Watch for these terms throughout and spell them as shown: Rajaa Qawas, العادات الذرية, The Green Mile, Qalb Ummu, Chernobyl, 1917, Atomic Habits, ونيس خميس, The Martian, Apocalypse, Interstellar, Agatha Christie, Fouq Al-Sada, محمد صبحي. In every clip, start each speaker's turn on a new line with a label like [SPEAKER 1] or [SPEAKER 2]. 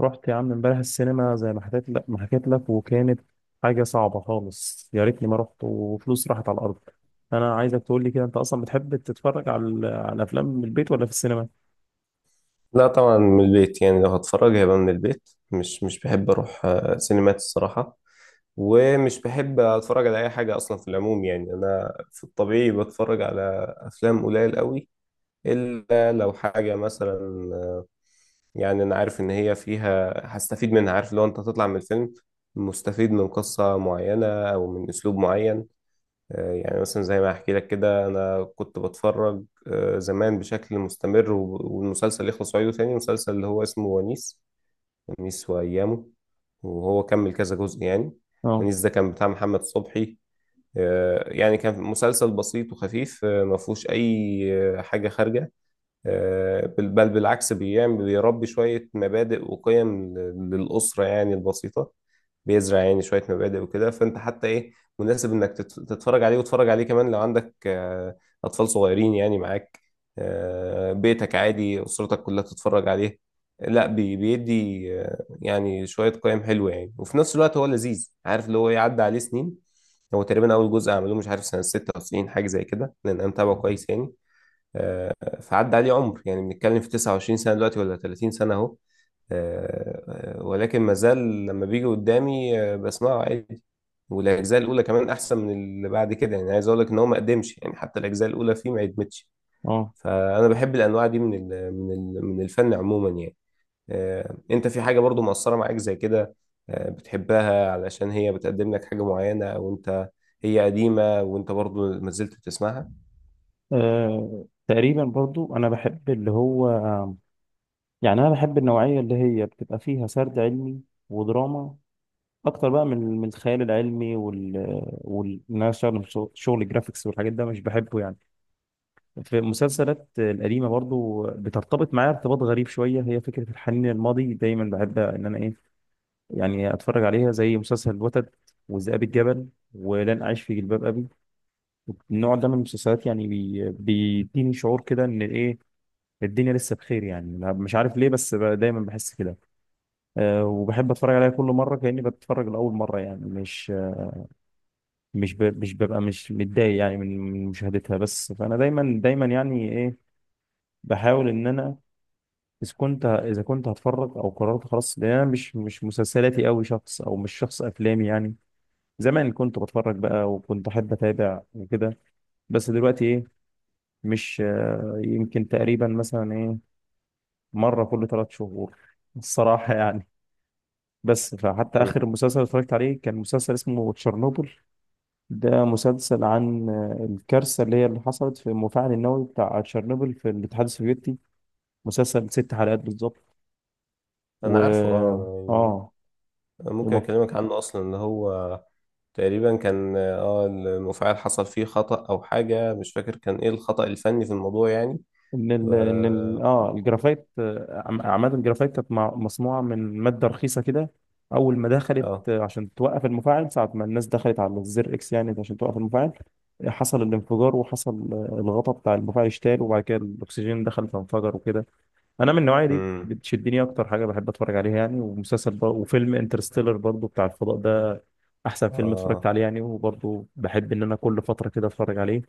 [SPEAKER 1] رحت يا عم امبارح السينما زي ما حكيت لك وكانت حاجة صعبة خالص، يا ريتني ما رحت وفلوس راحت على الأرض. أنا عايزك تقول لي كده، أنت أصلا بتحب تتفرج على الأفلام من البيت ولا في السينما؟
[SPEAKER 2] لا طبعا من البيت. يعني لو هتفرج هيبقى من البيت، مش بحب اروح سينمات الصراحة. ومش بحب اتفرج على اي حاجة اصلا في العموم، يعني انا في الطبيعي بتفرج على افلام قليل قوي، الا لو حاجة مثلا. آه، يعني انا عارف ان هي فيها هستفيد منها، عارف لو انت هتطلع من الفيلم مستفيد من قصة معينة او من اسلوب معين. يعني مثلا زي ما احكي لك كده، انا كنت بتفرج زمان بشكل مستمر، والمسلسل يخلص وأعيده تاني، مسلسل اللي هو اسمه ونيس، خميس وأيامه. وهو كمل كذا جزء يعني.
[SPEAKER 1] اه،
[SPEAKER 2] ونيس ده كان بتاع محمد صبحي. يعني كان مسلسل بسيط وخفيف، ما فيهوش أي حاجة خارجة. آه، بل بل بالعكس، بيربي شوية مبادئ وقيم للأسرة يعني البسيطة. بيزرع يعني شوية مبادئ وكده، فأنت حتى إيه، مناسب إنك تتفرج عليه، وتتفرج عليه كمان لو عندك أطفال صغيرين يعني معاك، بيتك عادي أسرتك كلها تتفرج عليه. لا بيدي يعني شوية قيم حلوة يعني، وفي نفس الوقت هو لذيذ. عارف اللي هو إيه، عدى عليه سنين. هو تقريبا أول جزء عملوه مش عارف سنة 96 حاجة زي كده، لأن أنا متابعه كويس يعني. فعدى عليه عمر، يعني بنتكلم في 29 سنة دلوقتي ولا 30 سنة أهو. ولكن مازال لما بيجي قدامي بسمعه عادي. والاجزاء الاولى كمان احسن من اللي بعد كده، يعني عايز اقول لك ان هو ما قدمش، يعني حتى الاجزاء الاولى فيه ما قدمتش.
[SPEAKER 1] اه،
[SPEAKER 2] فانا بحب الانواع دي من من الفن عموما يعني. انت في حاجه برضو مؤثره معاك زي كده، بتحبها علشان هي بتقدم لك حاجه معينه، او انت هي قديمه وانت برضو ما زلت بتسمعها؟
[SPEAKER 1] تقريبا برضو أنا بحب اللي هو، يعني أنا بحب النوعية اللي هي بتبقى فيها سرد علمي ودراما أكتر بقى من الخيال العلمي وال إن أنا أشتغل في شغل جرافيكس والحاجات ده مش بحبه يعني. في المسلسلات القديمة برضو بترتبط معايا ارتباط غريب شوية، هي فكرة الحنين للماضي، دايما بحب إن أنا إيه، يعني أتفرج عليها زي مسلسل الوتد وذئاب الجبل ولن أعيش في جلباب أبي. النوع ده من المسلسلات يعني بيديني شعور كده إن إيه، الدنيا لسه بخير، يعني مش عارف ليه بس دايما بحس كده. أه، وبحب أتفرج عليها كل مرة كأني بتفرج لأول مرة، يعني مش ببقى مش متضايق يعني من مشاهدتها. بس فأنا دايما دايما يعني إيه، بحاول إن أنا اذا كنت هتفرج او قررت خلاص ده مش مسلسلاتي قوي شخص، او مش شخص افلامي يعني. زمان كنت بتفرج بقى وكنت احب اتابع وكده، بس دلوقتي ايه، مش يمكن تقريبا مثلا ايه، مره كل ثلاث شهور الصراحه يعني. بس فحتى
[SPEAKER 2] مم.
[SPEAKER 1] اخر مسلسل اتفرجت عليه كان مسلسل اسمه تشيرنوبل. ده مسلسل عن الكارثه اللي حصلت في المفاعل النووي بتاع تشيرنوبل في الاتحاد السوفيتي. مسلسل ست حلقات بالظبط. و
[SPEAKER 2] انا عارفه، اه.
[SPEAKER 1] اه
[SPEAKER 2] يعني ممكن اكلمك عنه اصلا، اللي هو تقريبا كان اه المفاعل حصل فيه خطأ او حاجة، مش فاكر كان ايه الخطأ الفني في الموضوع يعني.
[SPEAKER 1] ان ال
[SPEAKER 2] و...
[SPEAKER 1] ان ال اه الجرافايت، عماد الجرافايت كانت مصنوعه من ماده رخيصه كده. اول ما دخلت
[SPEAKER 2] اه.
[SPEAKER 1] عشان توقف المفاعل، ساعه ما الناس دخلت على الزر اكس يعني عشان توقف المفاعل، حصل الانفجار، وحصل الغطاء بتاع المفاعل اشتال، وبعد كده الاكسجين دخل فانفجر وكده. انا من النوعيه دي
[SPEAKER 2] امم.
[SPEAKER 1] بتشدني، اكتر حاجه بحب اتفرج عليها يعني، وفيلم انترستيلر برضو بتاع الفضاء ده احسن فيلم اتفرجت
[SPEAKER 2] اه.
[SPEAKER 1] عليه يعني، وبرضو بحب ان انا كل فتره كده اتفرج عليه.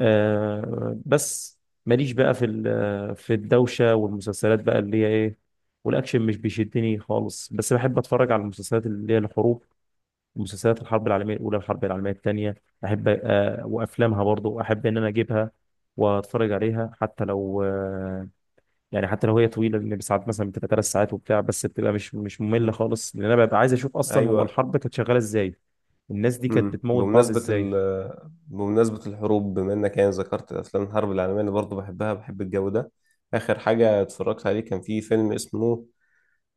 [SPEAKER 1] آه بس ماليش بقى في الدوشة والمسلسلات بقى اللي هي ايه، والاكشن مش بيشدني خالص، بس بحب اتفرج على المسلسلات اللي هي الحروب، مسلسلات الحرب العالمية الاولى والحرب العالمية الثانية، احب، آه، وافلامها برضو احب ان انا اجيبها واتفرج عليها، حتى لو آه، يعني حتى لو هي طويلة، لان ساعات مثلا بتبقى ثلاث ساعات وبتاع، بس بتبقى مش مملة
[SPEAKER 2] مم.
[SPEAKER 1] خالص، لان انا ببقى عايز اشوف اصلا هو
[SPEAKER 2] ايوه.
[SPEAKER 1] الحرب كانت شغالة ازاي، الناس دي كانت
[SPEAKER 2] امم.
[SPEAKER 1] بتموت بعض
[SPEAKER 2] بمناسبة ال...
[SPEAKER 1] ازاي.
[SPEAKER 2] بمناسبة الحروب، بما انك يعني ذكرت افلام الحرب العالمية، انا برضه بحبها، بحب الجو ده. اخر حاجة اتفرجت عليه كان في فيلم اسمه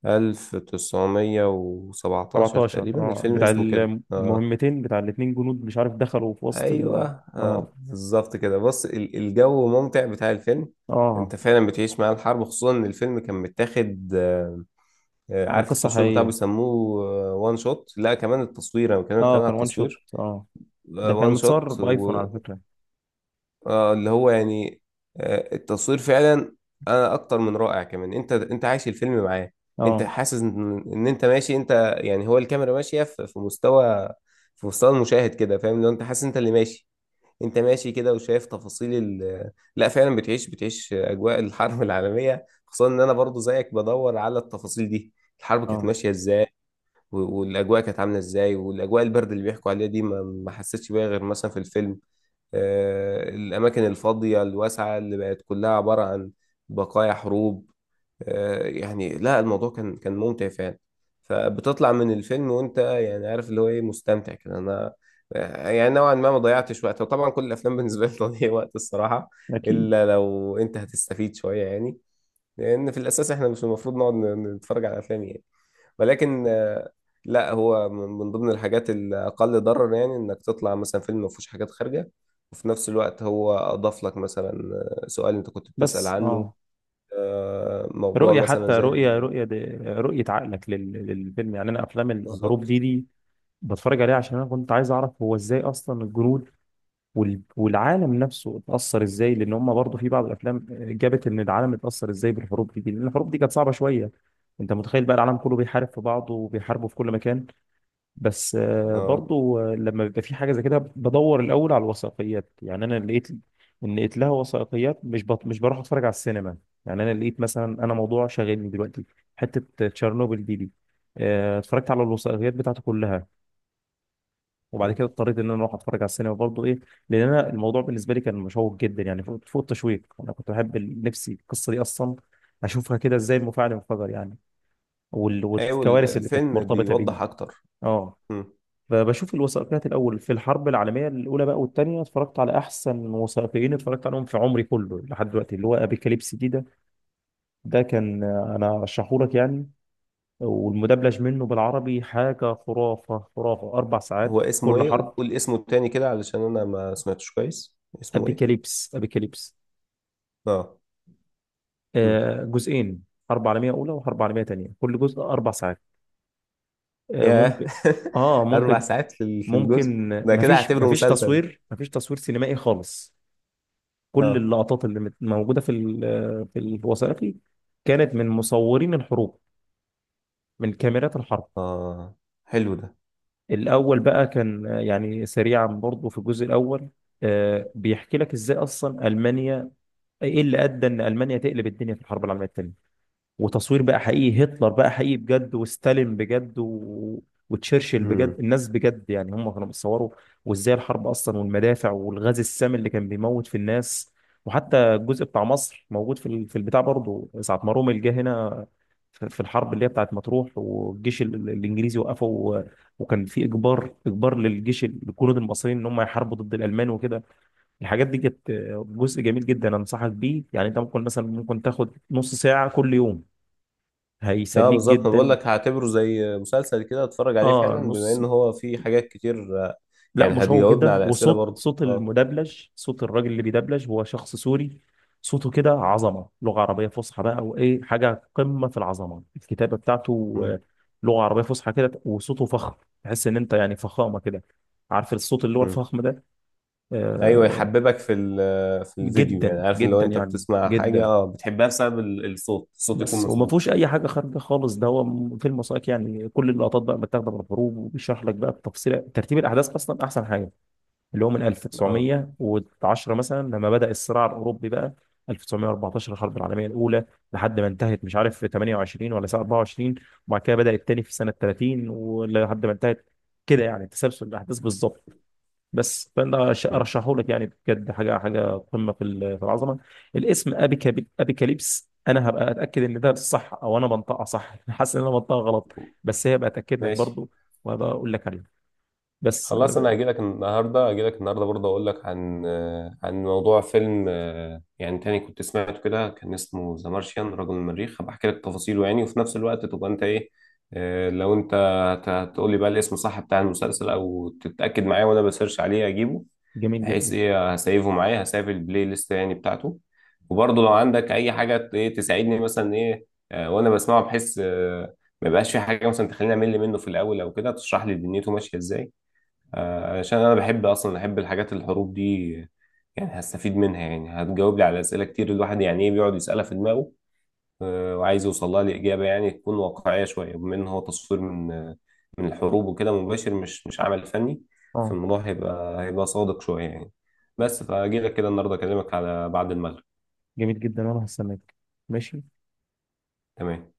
[SPEAKER 2] 1917
[SPEAKER 1] 17،
[SPEAKER 2] تقريبا،
[SPEAKER 1] اه،
[SPEAKER 2] الفيلم
[SPEAKER 1] بتاع
[SPEAKER 2] اسمه كده اه.
[SPEAKER 1] المهمتين بتاع الاتنين جنود، مش عارف دخلوا في وسط
[SPEAKER 2] ايوه.
[SPEAKER 1] ال... اه،
[SPEAKER 2] آه بالظبط كده. بص الجو ممتع بتاع الفيلم.
[SPEAKER 1] اه،
[SPEAKER 2] انت فعلا بتعيش مع الحرب، خصوصا ان الفيلم كان متاخد
[SPEAKER 1] من
[SPEAKER 2] عارف
[SPEAKER 1] قصة
[SPEAKER 2] التصوير بتاعه
[SPEAKER 1] حقيقية.
[SPEAKER 2] بيسموه وان شوت. لا كمان التصوير، انا بتكلم
[SPEAKER 1] اه،
[SPEAKER 2] كمان على
[SPEAKER 1] كان وان شوت،
[SPEAKER 2] التصوير
[SPEAKER 1] اه، ده كان
[SPEAKER 2] وان
[SPEAKER 1] متصور
[SPEAKER 2] شوت
[SPEAKER 1] بايفون
[SPEAKER 2] و...
[SPEAKER 1] على فكرة.
[SPEAKER 2] اللي هو يعني التصوير فعلا انا اكتر من رائع، كمان انت عايش الفيلم معاه. انت
[SPEAKER 1] اه،
[SPEAKER 2] حاسس ان انت ماشي، انت يعني هو الكاميرا ماشيه في مستوى، في مستوى المشاهد كده، فاهم؟ لو انت حاسس انت اللي ماشي، انت ماشي كده وشايف تفاصيل ال... لا فعلا بتعيش اجواء الحرب العالميه، خصوصا ان انا برضو زيك بدور على التفاصيل دي. الحرب كانت
[SPEAKER 1] اه،
[SPEAKER 2] ماشيه ازاي، والاجواء كانت عامله ازاي، والاجواء البرد اللي بيحكوا عليها دي ما حسيتش بيها غير مثلا في الفيلم. الأماكن الفاضية الواسعة اللي بقت كلها عبارة عن بقايا حروب. يعني لا الموضوع كان كان ممتع فعلا. فبتطلع من الفيلم وأنت يعني عارف اللي هو إيه، مستمتع كده أنا، يعني نوعا ما ضيعتش وقت. وطبعا كل الأفلام بالنسبة لي تضييع وقت الصراحة،
[SPEAKER 1] اكيد.
[SPEAKER 2] إلا لو أنت هتستفيد شوية يعني. لأن في الأساس إحنا مش المفروض نقعد نتفرج على أفلام يعني. ولكن لا هو من من ضمن الحاجات الأقل ضرر، يعني إنك تطلع مثلا فيلم ما فيهوش حاجات خارجة، وفي نفس الوقت هو أضاف لك مثلا سؤال أنت كنت بتسأل
[SPEAKER 1] بس،
[SPEAKER 2] عنه،
[SPEAKER 1] اه،
[SPEAKER 2] موضوع
[SPEAKER 1] رؤية
[SPEAKER 2] مثلا
[SPEAKER 1] حتى رؤية
[SPEAKER 2] زي
[SPEAKER 1] رؤية دي، رؤية عقلك للفيلم يعني، انا افلام الحروب
[SPEAKER 2] بالظبط.
[SPEAKER 1] دي بتفرج عليها عشان انا كنت عايز اعرف هو ازاي اصلا الجنود والعالم نفسه اتأثر ازاي، لان هم برضه في بعض الافلام جابت ان العالم اتأثر ازاي بالحروب دي، لان الحروب دي كانت صعبة شوية. انت متخيل بقى العالم كله بيحارب في بعضه وبيحاربوا في كل مكان. بس
[SPEAKER 2] اه.
[SPEAKER 1] برضه لما بيبقى في حاجة زي كده بدور الاول على الوثائقيات يعني. انا لقيت ان لقيت لها وثائقيات، مش بروح اتفرج على السينما، يعني انا لقيت مثلا، انا موضوع شاغلني دلوقتي حتة تشيرنوبل دي، اتفرجت على الوثائقيات بتاعته كلها، وبعد
[SPEAKER 2] م.
[SPEAKER 1] كده اضطريت ان انا اروح اتفرج على السينما برضه ايه، لان انا الموضوع بالنسبه لي كان مشوق جدا يعني، فوق فوق التشويق، انا كنت بحب نفسي القصه دي اصلا اشوفها كده، ازاي المفاعل انفجر يعني،
[SPEAKER 2] أيوة
[SPEAKER 1] والكوارث اللي كانت
[SPEAKER 2] الفيلم
[SPEAKER 1] مرتبطه بيه.
[SPEAKER 2] بيوضح أكتر.
[SPEAKER 1] اه،
[SPEAKER 2] م.
[SPEAKER 1] فبشوف الوثائقيات الاول في الحرب العالميه الاولى بقى والثانيه، اتفرجت على احسن وثائقيين اتفرجت عليهم في عمري كله لحد دلوقتي، اللي هو ابيكاليبس دي ده. ده كان انا رشحهولك يعني، والمدبلج منه بالعربي حاجه خرافه خرافه، اربع ساعات
[SPEAKER 2] هو اسمه
[SPEAKER 1] كل
[SPEAKER 2] إيه؟
[SPEAKER 1] حرب.
[SPEAKER 2] قول اسمه التاني كده علشان أنا ما سمعتش كويس، اسمه إيه؟
[SPEAKER 1] ابيكاليبس، ابيكاليبس.
[SPEAKER 2] اه. م.
[SPEAKER 1] جزئين، حرب عالمية أولى وحرب عالمية تانية، كل جزء أربع ساعات.
[SPEAKER 2] ياه.
[SPEAKER 1] ممكن، آه
[SPEAKER 2] أربع
[SPEAKER 1] ممكن.
[SPEAKER 2] ساعات في في الجزء ده، كده
[SPEAKER 1] مفيش
[SPEAKER 2] هعتبره مسلسل.
[SPEAKER 1] مفيش تصوير سينمائي خالص، كل
[SPEAKER 2] اه.
[SPEAKER 1] اللقطات اللي موجودة في الوثائقي كانت من مصورين الحروب، من كاميرات الحرب.
[SPEAKER 2] اه. حلو ده.
[SPEAKER 1] الأول بقى كان، يعني سريعا برضه في الجزء الأول، بيحكي لك إزاي أصلا ألمانيا، إيه اللي أدى إن ألمانيا تقلب الدنيا في الحرب العالمية التانية، وتصوير بقى حقيقي، هتلر بقى حقيقي بجد، وستالين بجد، وتشرشل بجد،
[SPEAKER 2] امم.
[SPEAKER 1] الناس بجد يعني، هم كانوا بيصوروا، وازاي الحرب اصلا، والمدافع، والغاز السام اللي كان بيموت في الناس. وحتى الجزء بتاع مصر موجود في البتاع برضه، ساعة ما رومل جه هنا في الحرب اللي هي بتاعت مطروح، والجيش الانجليزي وقفه، وكان في اجبار للجيش، الجنود المصريين ان هم يحاربوا ضد الالمان وكده. الحاجات دي كانت جزء جميل جدا، انصحك بيه يعني، انت ممكن مثلا، ممكن تاخد نص ساعة كل يوم،
[SPEAKER 2] اه
[SPEAKER 1] هيسليك
[SPEAKER 2] بالظبط، انا بقول
[SPEAKER 1] جدا.
[SPEAKER 2] لك هعتبره زي مسلسل كده، اتفرج عليه
[SPEAKER 1] اه،
[SPEAKER 2] فعلا بما
[SPEAKER 1] نص،
[SPEAKER 2] ان هو فيه حاجات كتير.
[SPEAKER 1] لا،
[SPEAKER 2] يعني
[SPEAKER 1] مشوق
[SPEAKER 2] هتجاوبنا
[SPEAKER 1] جدا.
[SPEAKER 2] على اسئله
[SPEAKER 1] وصوت
[SPEAKER 2] برضه اه.
[SPEAKER 1] المدبلج، صوت الراجل اللي بيدبلج هو شخص سوري، صوته كده عظمه، لغه عربيه فصحى بقى، وايه، حاجه قمه في العظمه الكتابه بتاعته.
[SPEAKER 2] امم.
[SPEAKER 1] لغه عربيه فصحى كده، وصوته فخم، تحس ان انت يعني فخامه كده، عارف الصوت اللي هو
[SPEAKER 2] امم.
[SPEAKER 1] الفخم ده.
[SPEAKER 2] ايوه،
[SPEAKER 1] آه،
[SPEAKER 2] يحببك في الفيديو، يعني
[SPEAKER 1] جدا
[SPEAKER 2] عارف إن لو
[SPEAKER 1] جدا
[SPEAKER 2] انت
[SPEAKER 1] يعني،
[SPEAKER 2] بتسمع حاجه
[SPEAKER 1] جدا.
[SPEAKER 2] اه بتحبها بسبب الصوت، الصوت يكون
[SPEAKER 1] بس وما فيهوش
[SPEAKER 2] مظبوط.
[SPEAKER 1] اي حاجه خارجه خالص، ده هو فيلم وثائقي يعني، كل اللقطات بقى متاخده من الحروب، وبيشرح لك بقى بتفصيل ترتيب الاحداث اصلا، احسن حاجه، اللي هو من
[SPEAKER 2] اه.
[SPEAKER 1] 1910 مثلا لما بدأ الصراع الأوروبي بقى، 1914 الحرب العالمية الأولى لحد ما انتهت، مش عارف في 28 ولا ساعة 24، وبعد كده بدأ التاني في سنة 30 ولحد ما انتهت، كده يعني تسلسل الأحداث بالظبط. بس فأنا
[SPEAKER 2] امم.
[SPEAKER 1] أرشحه لك يعني، بجد حاجة حاجة قمة في العظمة. الاسم أبيكاليبس، أنا هبقى أتأكد إن ده صح أو أنا بنطقها صح حاسس إن أنا بنطقها غلط، بس هي بتأكد لك
[SPEAKER 2] ماشي.
[SPEAKER 1] برضو، وهبقى أقول لك عليه. بس،
[SPEAKER 2] خلاص
[SPEAKER 1] آه،
[SPEAKER 2] انا هجيلك النهارده، هجيلك النهارده برضه اقول لك عن عن موضوع فيلم يعني تاني كنت سمعته كده، كان اسمه ذا مارشيان، رجل المريخ. هبقى احكي لك تفاصيله يعني، وفي نفس الوقت تبقى انت ايه، لو انت هتقول لي بقى الاسم صح بتاع المسلسل، او تتاكد معايا وانا بسيرش عليه اجيبه.
[SPEAKER 1] جميل
[SPEAKER 2] بحيث
[SPEAKER 1] جدا،
[SPEAKER 2] ايه هسيفه معايا، هسيف البلاي ليست يعني بتاعته. وبرضه لو عندك اي حاجه ايه تساعدني مثلا ايه، وانا بسمعه، بحيث ما يبقاش في حاجه مثلا تخليني امل منه في الاول، او كده تشرح لي دنيته ماشيه ازاي. عشان انا بحب اصلا، احب الحاجات الحروب دي يعني، هستفيد منها، يعني هتجاوب لي على اسئله كتير الواحد يعني ايه بيقعد يسالها في دماغه، وعايز يوصل لها لاجابه يعني تكون واقعيه شويه، بما ان هو تصوير من من الحروب وكده مباشر، مش مش عمل فني.
[SPEAKER 1] اه،
[SPEAKER 2] فالموضوع هيبقى هيبقى صادق شويه يعني. بس فاجي لك كده النهارده اكلمك على بعد المغرب.
[SPEAKER 1] جميل جدا، وانا هستناك. ماشي.
[SPEAKER 2] تمام.